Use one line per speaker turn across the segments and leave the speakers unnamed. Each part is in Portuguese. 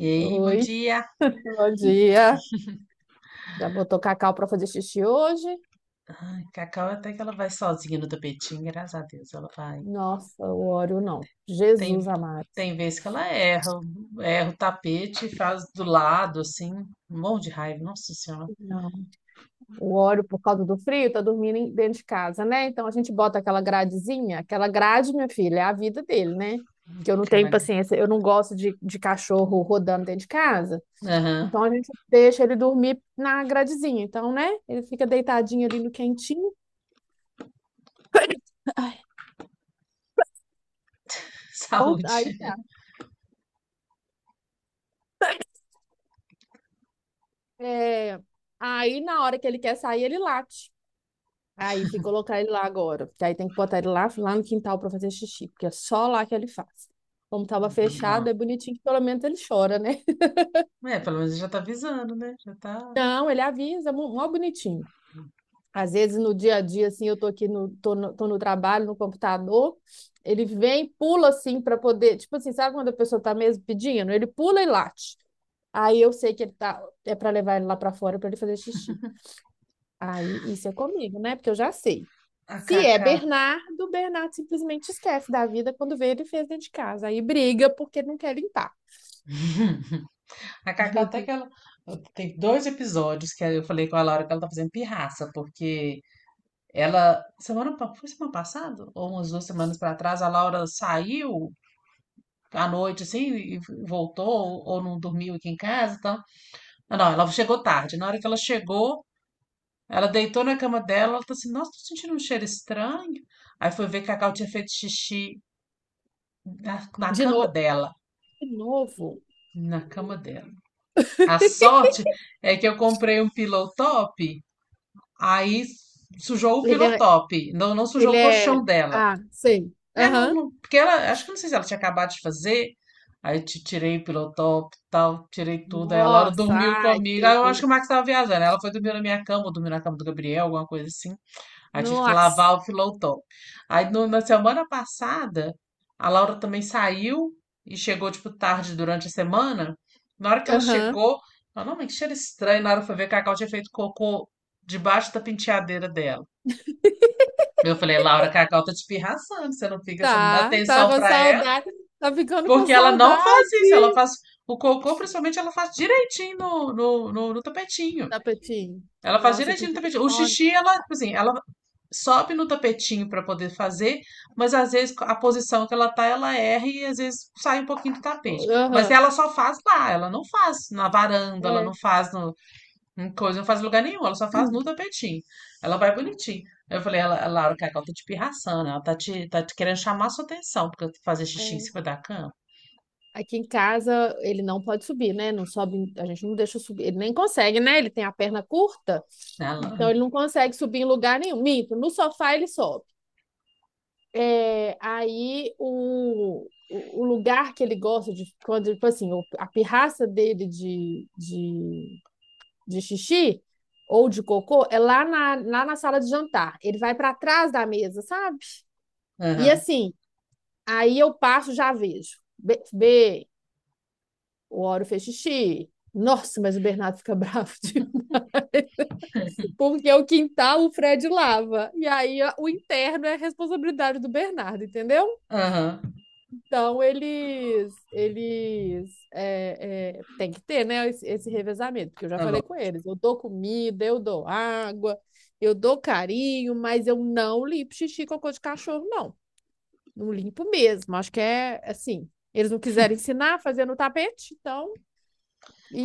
E aí, bom
Oi,
dia.
bom dia. Já botou cacau para fazer xixi hoje?
Ai, Cacau até que ela vai sozinha no tapetinho, graças a Deus, ela vai.
Nossa, o óleo não.
Tem,
Jesus amado.
tem vezes que ela erra, erra o tapete, e faz do lado, assim, um monte de raiva, nossa senhora.
Não. O óleo, por causa do frio, tá dormindo dentro de casa, né? Então a gente bota aquela gradezinha. Aquela grade, minha filha, é a vida dele, né? Que eu não tenho
Aquela...
paciência, eu não gosto de cachorro rodando dentro de casa.
Aham.
Então a gente deixa ele dormir na gradezinha. Então, né? Ele fica deitadinho ali no quentinho. Ai, então, aí
Saúde.
tá. É, aí na hora que ele quer sair, ele late. Aí fui colocar ele lá agora, porque aí tem que botar ele lá no quintal para fazer xixi, porque é só lá que ele faz. Como tava
Não.
fechado, é bonitinho que pelo menos ele chora, né?
É, pelo menos já tá avisando, né? Já tá.
Não, ele avisa, mó mó bonitinho. Às vezes no dia a dia, assim, eu tô no trabalho, no computador, ele vem, pula assim para poder, tipo assim, sabe quando a pessoa tá mesmo pedindo? Ele pula e late. Aí eu sei que é para levar ele lá para fora para ele fazer xixi. Aí, isso é comigo, né? Porque eu já sei.
A
Se é
Cacá.
Bernardo, Bernardo simplesmente esquece da vida quando vê ele fez dentro de casa. Aí briga porque não quer limpar.
A Cacau até que ela. Tem dois episódios que eu falei com a Laura que ela tá fazendo pirraça, porque ela. Semana. Foi semana passada? Ou umas 2 semanas pra trás, a Laura saiu à noite, assim, e voltou, ou, não dormiu aqui em casa então. Não, não, ela chegou tarde. Na hora que ela chegou, ela deitou na cama dela, ela tá assim, nossa, tô sentindo um cheiro estranho. Aí foi ver que a Cacau tinha feito xixi na
De
cama
novo,
dela.
de novo.
Na cama dela. A sorte é que eu comprei um pillow top, aí sujou o
Ele
pillow
é,
top, não, não sujou
ele
o
é,
colchão dela.
ah, sei.
É,
Aham.
porque ela, acho que não sei se ela tinha acabado de fazer, aí eu te tirei pelo top, tal, tirei tudo, aí a Laura
Nossa,
dormiu
ai, que
comigo, aí eu acho
terror.
que o Max tava viajando, ela foi dormir na minha cama, ou dormiu na cama do Gabriel, alguma coisa assim, aí tive que lavar
Nossa.
o pilotão. Aí no- Na semana passada, a Laura também saiu e chegou, tipo, tarde durante a semana, na hora que ela
Aham.
chegou, ela, não, mas que cheiro estranho, na hora que foi ver, a Cacau tinha feito cocô debaixo da penteadeira dela. Eu falei, Laura, Cacau tá te pirraçando, você não fica, você não dá
Tá
atenção
com
pra ela,
saudade. Tá ficando com
porque ela não
saudade.
faz isso, ela faz o cocô, principalmente, ela faz direitinho no tapetinho.
Tapetinho.
Ela faz
Nossa, que
direitinho no tapetinho. O
telefone.
xixi, ela, tipo assim, ela sobe no tapetinho pra poder fazer, mas às vezes a posição que ela tá, ela erra e às vezes sai um pouquinho do tapete. Mas
Aham.
ela só faz lá, ela não faz na varanda, ela
É,
não faz no, uma coisa não faz lugar nenhum, ela só faz no tapetinho. Ela vai bonitinho. Aí eu falei, ela, a Laura, que ela tá te pirraçando, ela tá te querendo chamar sua atenção, porque fazer xixi em
é.
cima da cama.
Aqui em casa ele não pode subir, né? Não sobe, a gente não deixa subir. Ele nem consegue, né? Ele tem a perna curta,
Né,
então
ela,
ele não consegue subir em lugar nenhum. Minto, no sofá ele sobe. É, aí o lugar que ele gosta de quando, tipo assim, a pirraça dele de xixi ou de cocô é lá na, sala de jantar. Ele vai para trás da mesa, sabe? E
aham,
assim, aí eu passo, já vejo. Bebê, o Auro fez xixi. Nossa, mas o Bernardo fica bravo, tipo, porque é o quintal, o Fred lava. E aí o interno é a responsabilidade do Bernardo, entendeu?
aham.
Então eles tem que ter, né, esse revezamento, porque eu já
É
falei com
lógico.
eles. Eu dou comida, eu dou água, eu dou carinho, mas eu não limpo xixi e cocô de cachorro, não. Não limpo mesmo. Acho que é assim. Eles não quiseram ensinar a fazer no tapete, então.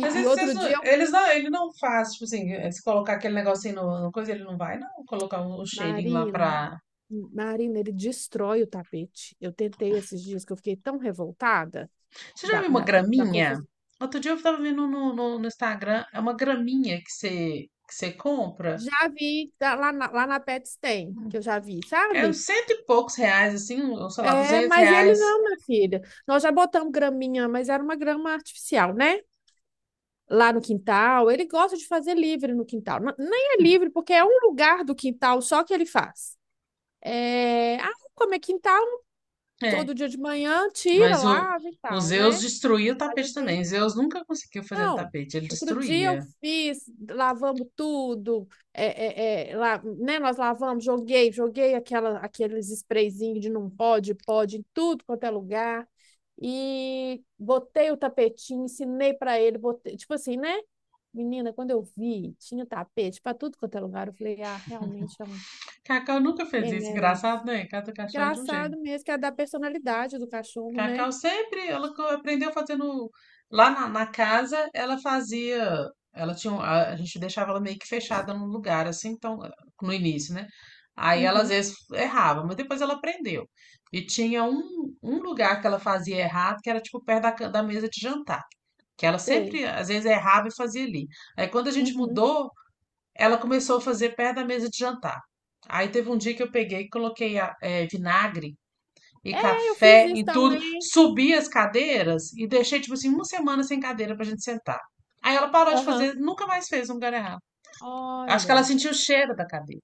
Mas
e
esses- esses
outro
não-
dia.
eles não, ele não faz, tipo assim, se colocar aquele negocinho no, no coisa, ele não vai, não, colocar um, um cheirinho lá
Marina,
pra.
Marina, ele destrói o tapete. Eu tentei esses dias que eu fiquei tão revoltada
Você já
da,
viu uma
da, do- da
graminha?
confusão.
Outro dia eu tava vendo no Instagram, é uma graminha que você compra.
Já vi tá, lá na Pets tem, que eu já vi,
É
sabe?
uns cento e poucos reais, assim, ou sei lá,
É,
duzentos
mas ele
reais.
não, minha filha. Nós já botamos graminha, mas era uma grama artificial, né? Lá no quintal. Ele gosta de fazer livre no quintal. Nem é livre, porque é um lugar do quintal só que ele faz. É, ah, como é quintal, todo
É,
dia de manhã, tira,
mas
lava e
o
tal,
Zeus
né?
destruía o
Mas o
tapete
dente.
também. Zeus nunca conseguiu fazer no
Não,
tapete, ele
Outro dia eu
destruía.
fiz, lavamos tudo, lá, né, nós lavamos, joguei aqueles sprayzinhos de não pode, em tudo quanto é lugar, e botei o tapetinho, ensinei para ele, botei, tipo assim, né? Menina, quando eu vi, tinha tapete para tudo quanto é lugar, eu falei, ah, realmente é um,
Cacau nunca fez
quem
isso. Engraçado,
merece.
né? Cada cachorro é de um jeito.
Engraçado mesmo, que é da personalidade do cachorro, né?
Cacau sempre, ela co- aprendeu fazendo. Lá na casa, ela fazia. Ela tinha. Um- A, a gente deixava ela meio que fechada num lugar, assim, então, no início, né? Aí ela às
Uhum,
vezes errava, mas depois ela aprendeu. E tinha um, um lugar que ela fazia errado, que era tipo perto da, ca- da mesa de jantar. Que ela
sei.
sempre, às vezes, errava e fazia ali. Aí, quando a gente
Uhum.
mudou, ela começou a fazer perto da mesa de jantar. Aí, teve um dia que eu peguei e coloquei vinagre e
É, eu fiz
café
isso
em tudo,
também.
subi as cadeiras e deixei, tipo assim, uma semana sem cadeira pra gente sentar. Aí, ela parou de
Aham.
fazer, nunca mais fez um lugar errado. Acho que ela
Olha,
sentiu o cheiro da cadeira,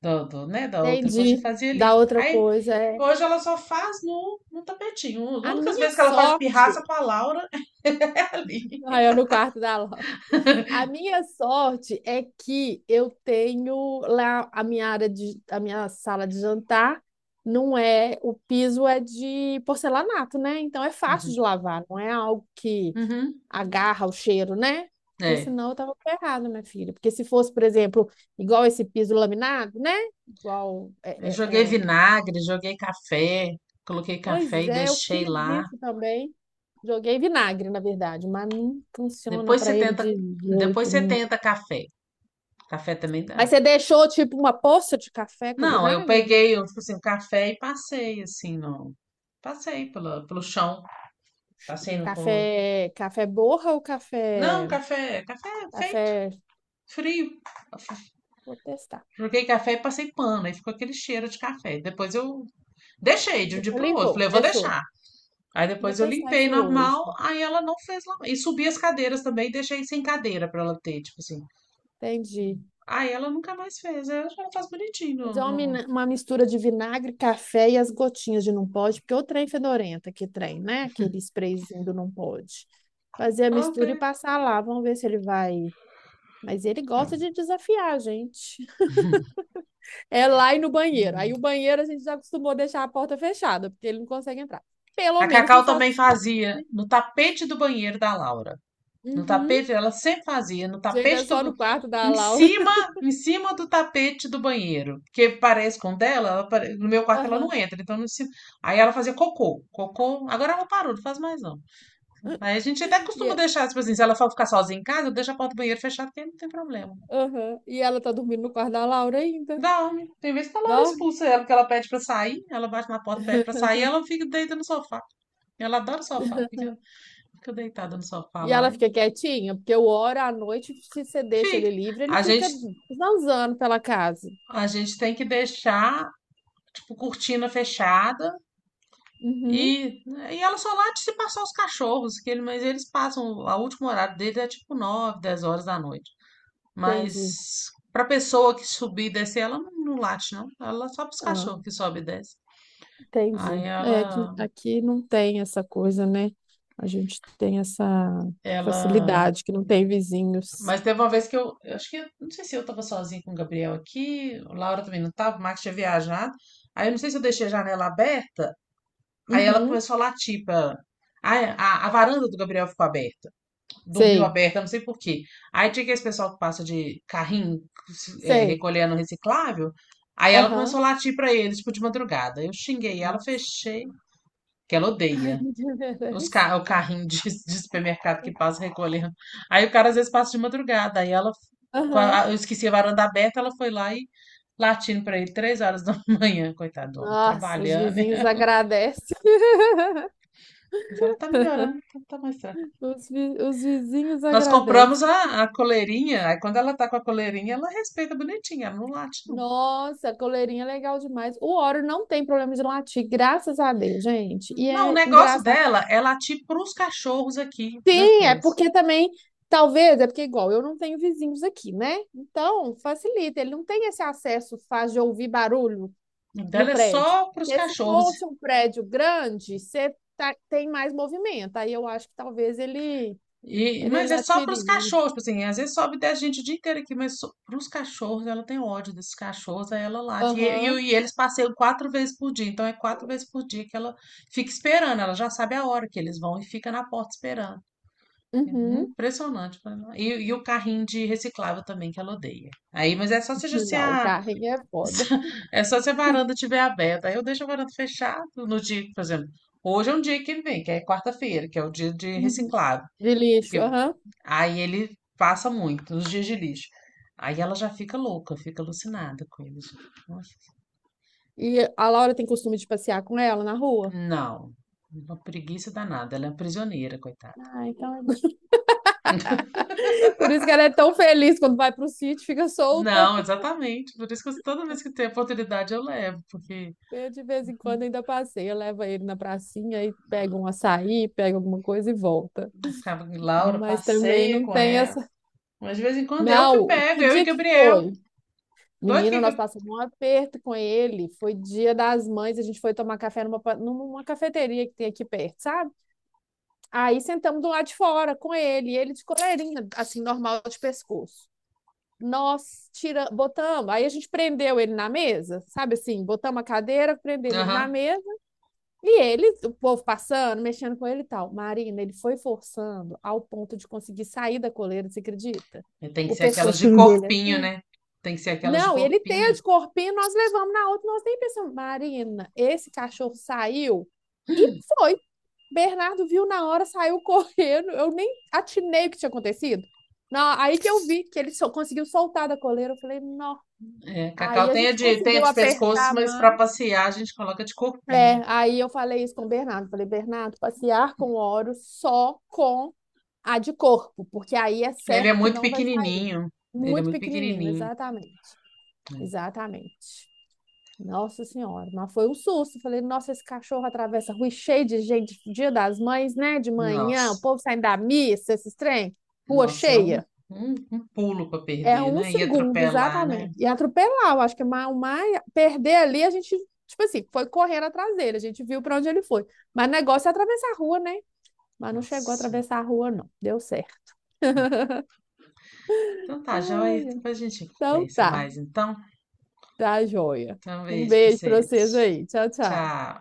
do, né, da outra coisa e
entendi.
fazia
Da
ali.
outra
Aí,
coisa é
hoje ela só faz no tapetinho. As
a
únicas
minha
vezes que ela faz pirraça
sorte.
com a Laura é ali.
Aí eu no quarto da Laura. A minha sorte é que eu tenho lá a minha sala de jantar. Não é O piso é de porcelanato, né? Então é fácil
Uhum.
de lavar, não é algo que
Uhum.
agarra o cheiro, né? Porque
É,
senão eu tava ferrada, minha filha. Porque se fosse, por exemplo, igual esse piso laminado, né? Igual
eu
é,
joguei
é, é,
vinagre, joguei café, coloquei
Pois
café e
é, eu fiz
deixei lá.
isso também. Joguei vinagre, na verdade, mas não funciona
Depois você
para ele
tenta,
de
depois
jeito
você
nenhum.
tenta café. Café também
Mas
dá.
você deixou tipo uma poça de café com
Não, eu
vinagre?
peguei, eu, tipo assim, o café e passei assim, não. Passei pela, pelo chão, passei no coisa.
Café, café borra ou
Não,
café,
café, café é feito,
café?
frio.
Vou testar.
Joguei café e passei pano, aí ficou aquele cheiro de café. Depois eu deixei de um dia
Depois
pro outro.
limpou,
Falei, eu vou
deixou.
deixar. Aí
Vou
depois eu
testar
limpei
isso
normal,
hoje.
aí ela não fez lá. E subi as cadeiras também e deixei sem cadeira pra ela ter, tipo assim.
Entendi.
Aí ela nunca mais fez. Aí hoje ela faz bonitinho.
Mas
No,
é uma,
no-
mina- uma mistura de vinagre, café e as gotinhas de não pode, porque o trem fedorenta que trem, né? Aquele sprayzinho do não pode. Fazer a
Ah, ok.
mistura e passar lá, vamos ver se ele vai. Mas ele gosta de desafiar a gente. É lá e no banheiro. Aí o banheiro a gente já acostumou a deixar a porta fechada, porque ele não consegue entrar. Pelo
A
menos não
Cacau
faz
também
nos quartos,
fazia
né?
no tapete do banheiro da Laura. No
Uhum.
tapete, ela sempre fazia no
Gente, é
tapete
só
do.
no quarto da
Em
Laura.
cima, em cima do tapete do banheiro. Porque parece com o dela, ela pare- no meu quarto ela não
Aham.
entra, então no cima. Aí ela fazia cocô. Cocô. Agora ela parou, não faz mais não. Aí a gente até
E,
costuma
é-
deixar, tipo assim, se ela for ficar sozinha em casa, deixa a porta do banheiro fechada, porque não tem problema.
aham. E ela tá dormindo no quarto da Laura ainda.
Dá, homem. Tem vezes que a Laura
Dorme.
expulsa ela, porque ela pede pra sair, ela bate na porta, pede pra sair, ela fica deita no sofá. Ela adora o sofá, fica, fica deitada no sofá
E
lá
ela
e
fica quietinha, porque o hora à noite, se você deixa ele
fica.
livre, ele
A
fica
gente,
zanzando pela casa.
a gente tem que deixar, tipo, cortina fechada
Uhum,
e, e ela só late se passar os cachorros, que ele, mas eles passam, o último horário deles é tipo 9, 10 horas da noite.
entendi.
Mas pra pessoa que subir e descer, ela não, não late, não. Ela só pros
Ah,
cachorros que sobe e desce. Aí
entendi. É, aqui,
ela,
aqui não tem essa coisa, né? A gente tem essa
ela.
facilidade que não tem vizinhos.
Mas teve uma vez que eu acho que, eu- não sei se eu tava sozinha com o Gabriel aqui, o Laura também não tava, o Max tinha viajado. Aí eu não sei se eu deixei a janela aberta, aí ela
Uhum,
começou a latir pra. Aí a varanda do Gabriel ficou aberta. Dormiu
sei,
aberta, não sei por quê. Aí tinha aquele pessoal que passa de carrinho, é,
sei.
recolhendo reciclável. Aí ela começou
Aham.
a latir pra eles, tipo, de madrugada. Eu xinguei ela,
Nossa.
fechei, que ela
Ai,
odeia.
que
Os
merece.
ca- o carrinho de supermercado que passa recolhendo. Aí o cara às vezes passa de madrugada. Aí ela, com
Aham.
a- eu esqueci a varanda aberta, ela foi lá e latindo pra ele 3 horas da manhã, coitado do homem,
Nossa, os
trabalhando. Né?
vizinhos agradecem.
Mas ela tá melhorando, tá, tá mais.
Os vizinhos
Nós compramos
agradecem.
a coleirinha, aí quando ela tá com a coleirinha, ela respeita bonitinha, ela não late, não.
Nossa, coleirinha é legal demais. O Oreo não tem problema de latir, graças a Deus, gente. E
Não, o
é
negócio
engraçado.
dela é latir pros cachorros aqui, da
Sim, é
coisa.
porque também, talvez, é porque igual, eu não tenho vizinhos aqui, né? Então, facilita. Ele não tem esse acesso fácil de ouvir barulho
O
no
dela é
prédio.
só pros
Porque se
cachorros.
fosse um prédio grande, você tem mais movimento. Aí eu acho que talvez ele,
E,
ele
mas é só
latiria.
pros cachorros, tipo assim, às vezes sobe 10 gente o dia inteiro aqui, mas só, pros cachorros ela tem ódio desses cachorros, aí ela late. E,
Aham,
e eles passeiam quatro vezes por dia, então é quatro vezes por dia que ela fica esperando, ela já sabe a hora que eles vão e fica na porta esperando. É
uhum.
impressionante. Pra ela. E o carrinho de reciclável também, que ela odeia. Aí, mas é só se, a- se
Não, o
a,
carrinho é foda.
é só se a varanda estiver aberta. Aí eu deixo a varanda fechada no dia, que, por exemplo. Hoje é um dia que ele vem, que é quarta-feira, que é o dia de
Uhum.
reciclável.
De lixo,
Que-
aham.
aí ele passa muito, nos dias de lixo. Aí ela já fica louca, fica alucinada com isso. Nossa,
E a Laura tem costume de passear com ela na rua.
não, uma preguiça danada. Ela é prisioneira, coitada.
Ah, então é isso. Por isso que ela é tão feliz quando vai pro sítio, fica solta.
Não, exatamente. Por isso que eu- toda vez que tem oportunidade eu levo, porque.
Eu, de vez em quando, ainda passeio, leva ele na pracinha e pega um açaí, pega alguma coisa e volta.
Ficava com Laura,
Mas também
passeia
não
com
tem
ela.
essa.
Mas de vez em quando eu que
Não, que
pego, eu e
dia que
Gabriel.
foi?
Doido
Menina,
que.
nós
Gab-
passamos um aperto com ele. Foi dia das mães, a gente foi tomar café numa cafeteria que tem aqui perto, sabe? Aí sentamos do lado de fora com ele, e ele de coleirinha, assim, normal de pescoço. Nós botamos, aí a gente prendeu ele na mesa, sabe assim, botamos a cadeira, prendemos ele na
Aham.
mesa, e ele, o povo passando, mexendo com ele e tal. Marina, ele foi forçando ao ponto de conseguir sair da coleira, você acredita?
E tem que
O
ser aquelas de
pescocinho dele
corpinho,
assim.
né? Tem que ser aquelas de
Não, e ele tem
corpinho.
de corpinho, nós levamos na outra, nós nem pensamos, Marina, esse cachorro saiu e foi. Bernardo viu na hora, saiu correndo, eu nem atinei o que tinha acontecido. Não, aí que eu vi que ele só conseguiu soltar da coleira, eu falei, nossa.
É,
Aí
Cacau
a gente
tem a
conseguiu
de pescoço,
apertar
mas pra
mais.
passear a gente coloca de corpinho.
É, aí eu falei isso com o Bernardo. Falei, Bernardo, passear com oro só com a de corpo, porque aí é
Ele é
certo que
muito
não vai sair.
pequenininho. Ele é
Muito
muito
pequenininho,
pequenininho.
exatamente. Exatamente. Nossa Senhora, mas foi um susto. Falei, nossa, esse cachorro atravessa a rua e cheio de gente, dia das mães, né? De manhã, o
Nossa.
povo saindo da missa, esses trem, rua
Nossa, é um,
cheia.
um, um pulo pra
É
perder,
um
né? E
segundo,
atropelar, né?
exatamente. E atropelar, eu acho que mais, mais perder ali, a gente, tipo assim, foi correndo atrás dele, a gente viu para onde ele foi. Mas o negócio é atravessar a rua, né? Mas não
Nossa.
chegou a
Senhora.
atravessar a rua, não. Deu certo.
Então tá, joia.
Ai,
Depois a gente
então
conversa
tá,
mais, então.
tá joia.
Então, um
Um
beijo pra
beijo para vocês
vocês.
aí. Tchau, tchau.
Tchau.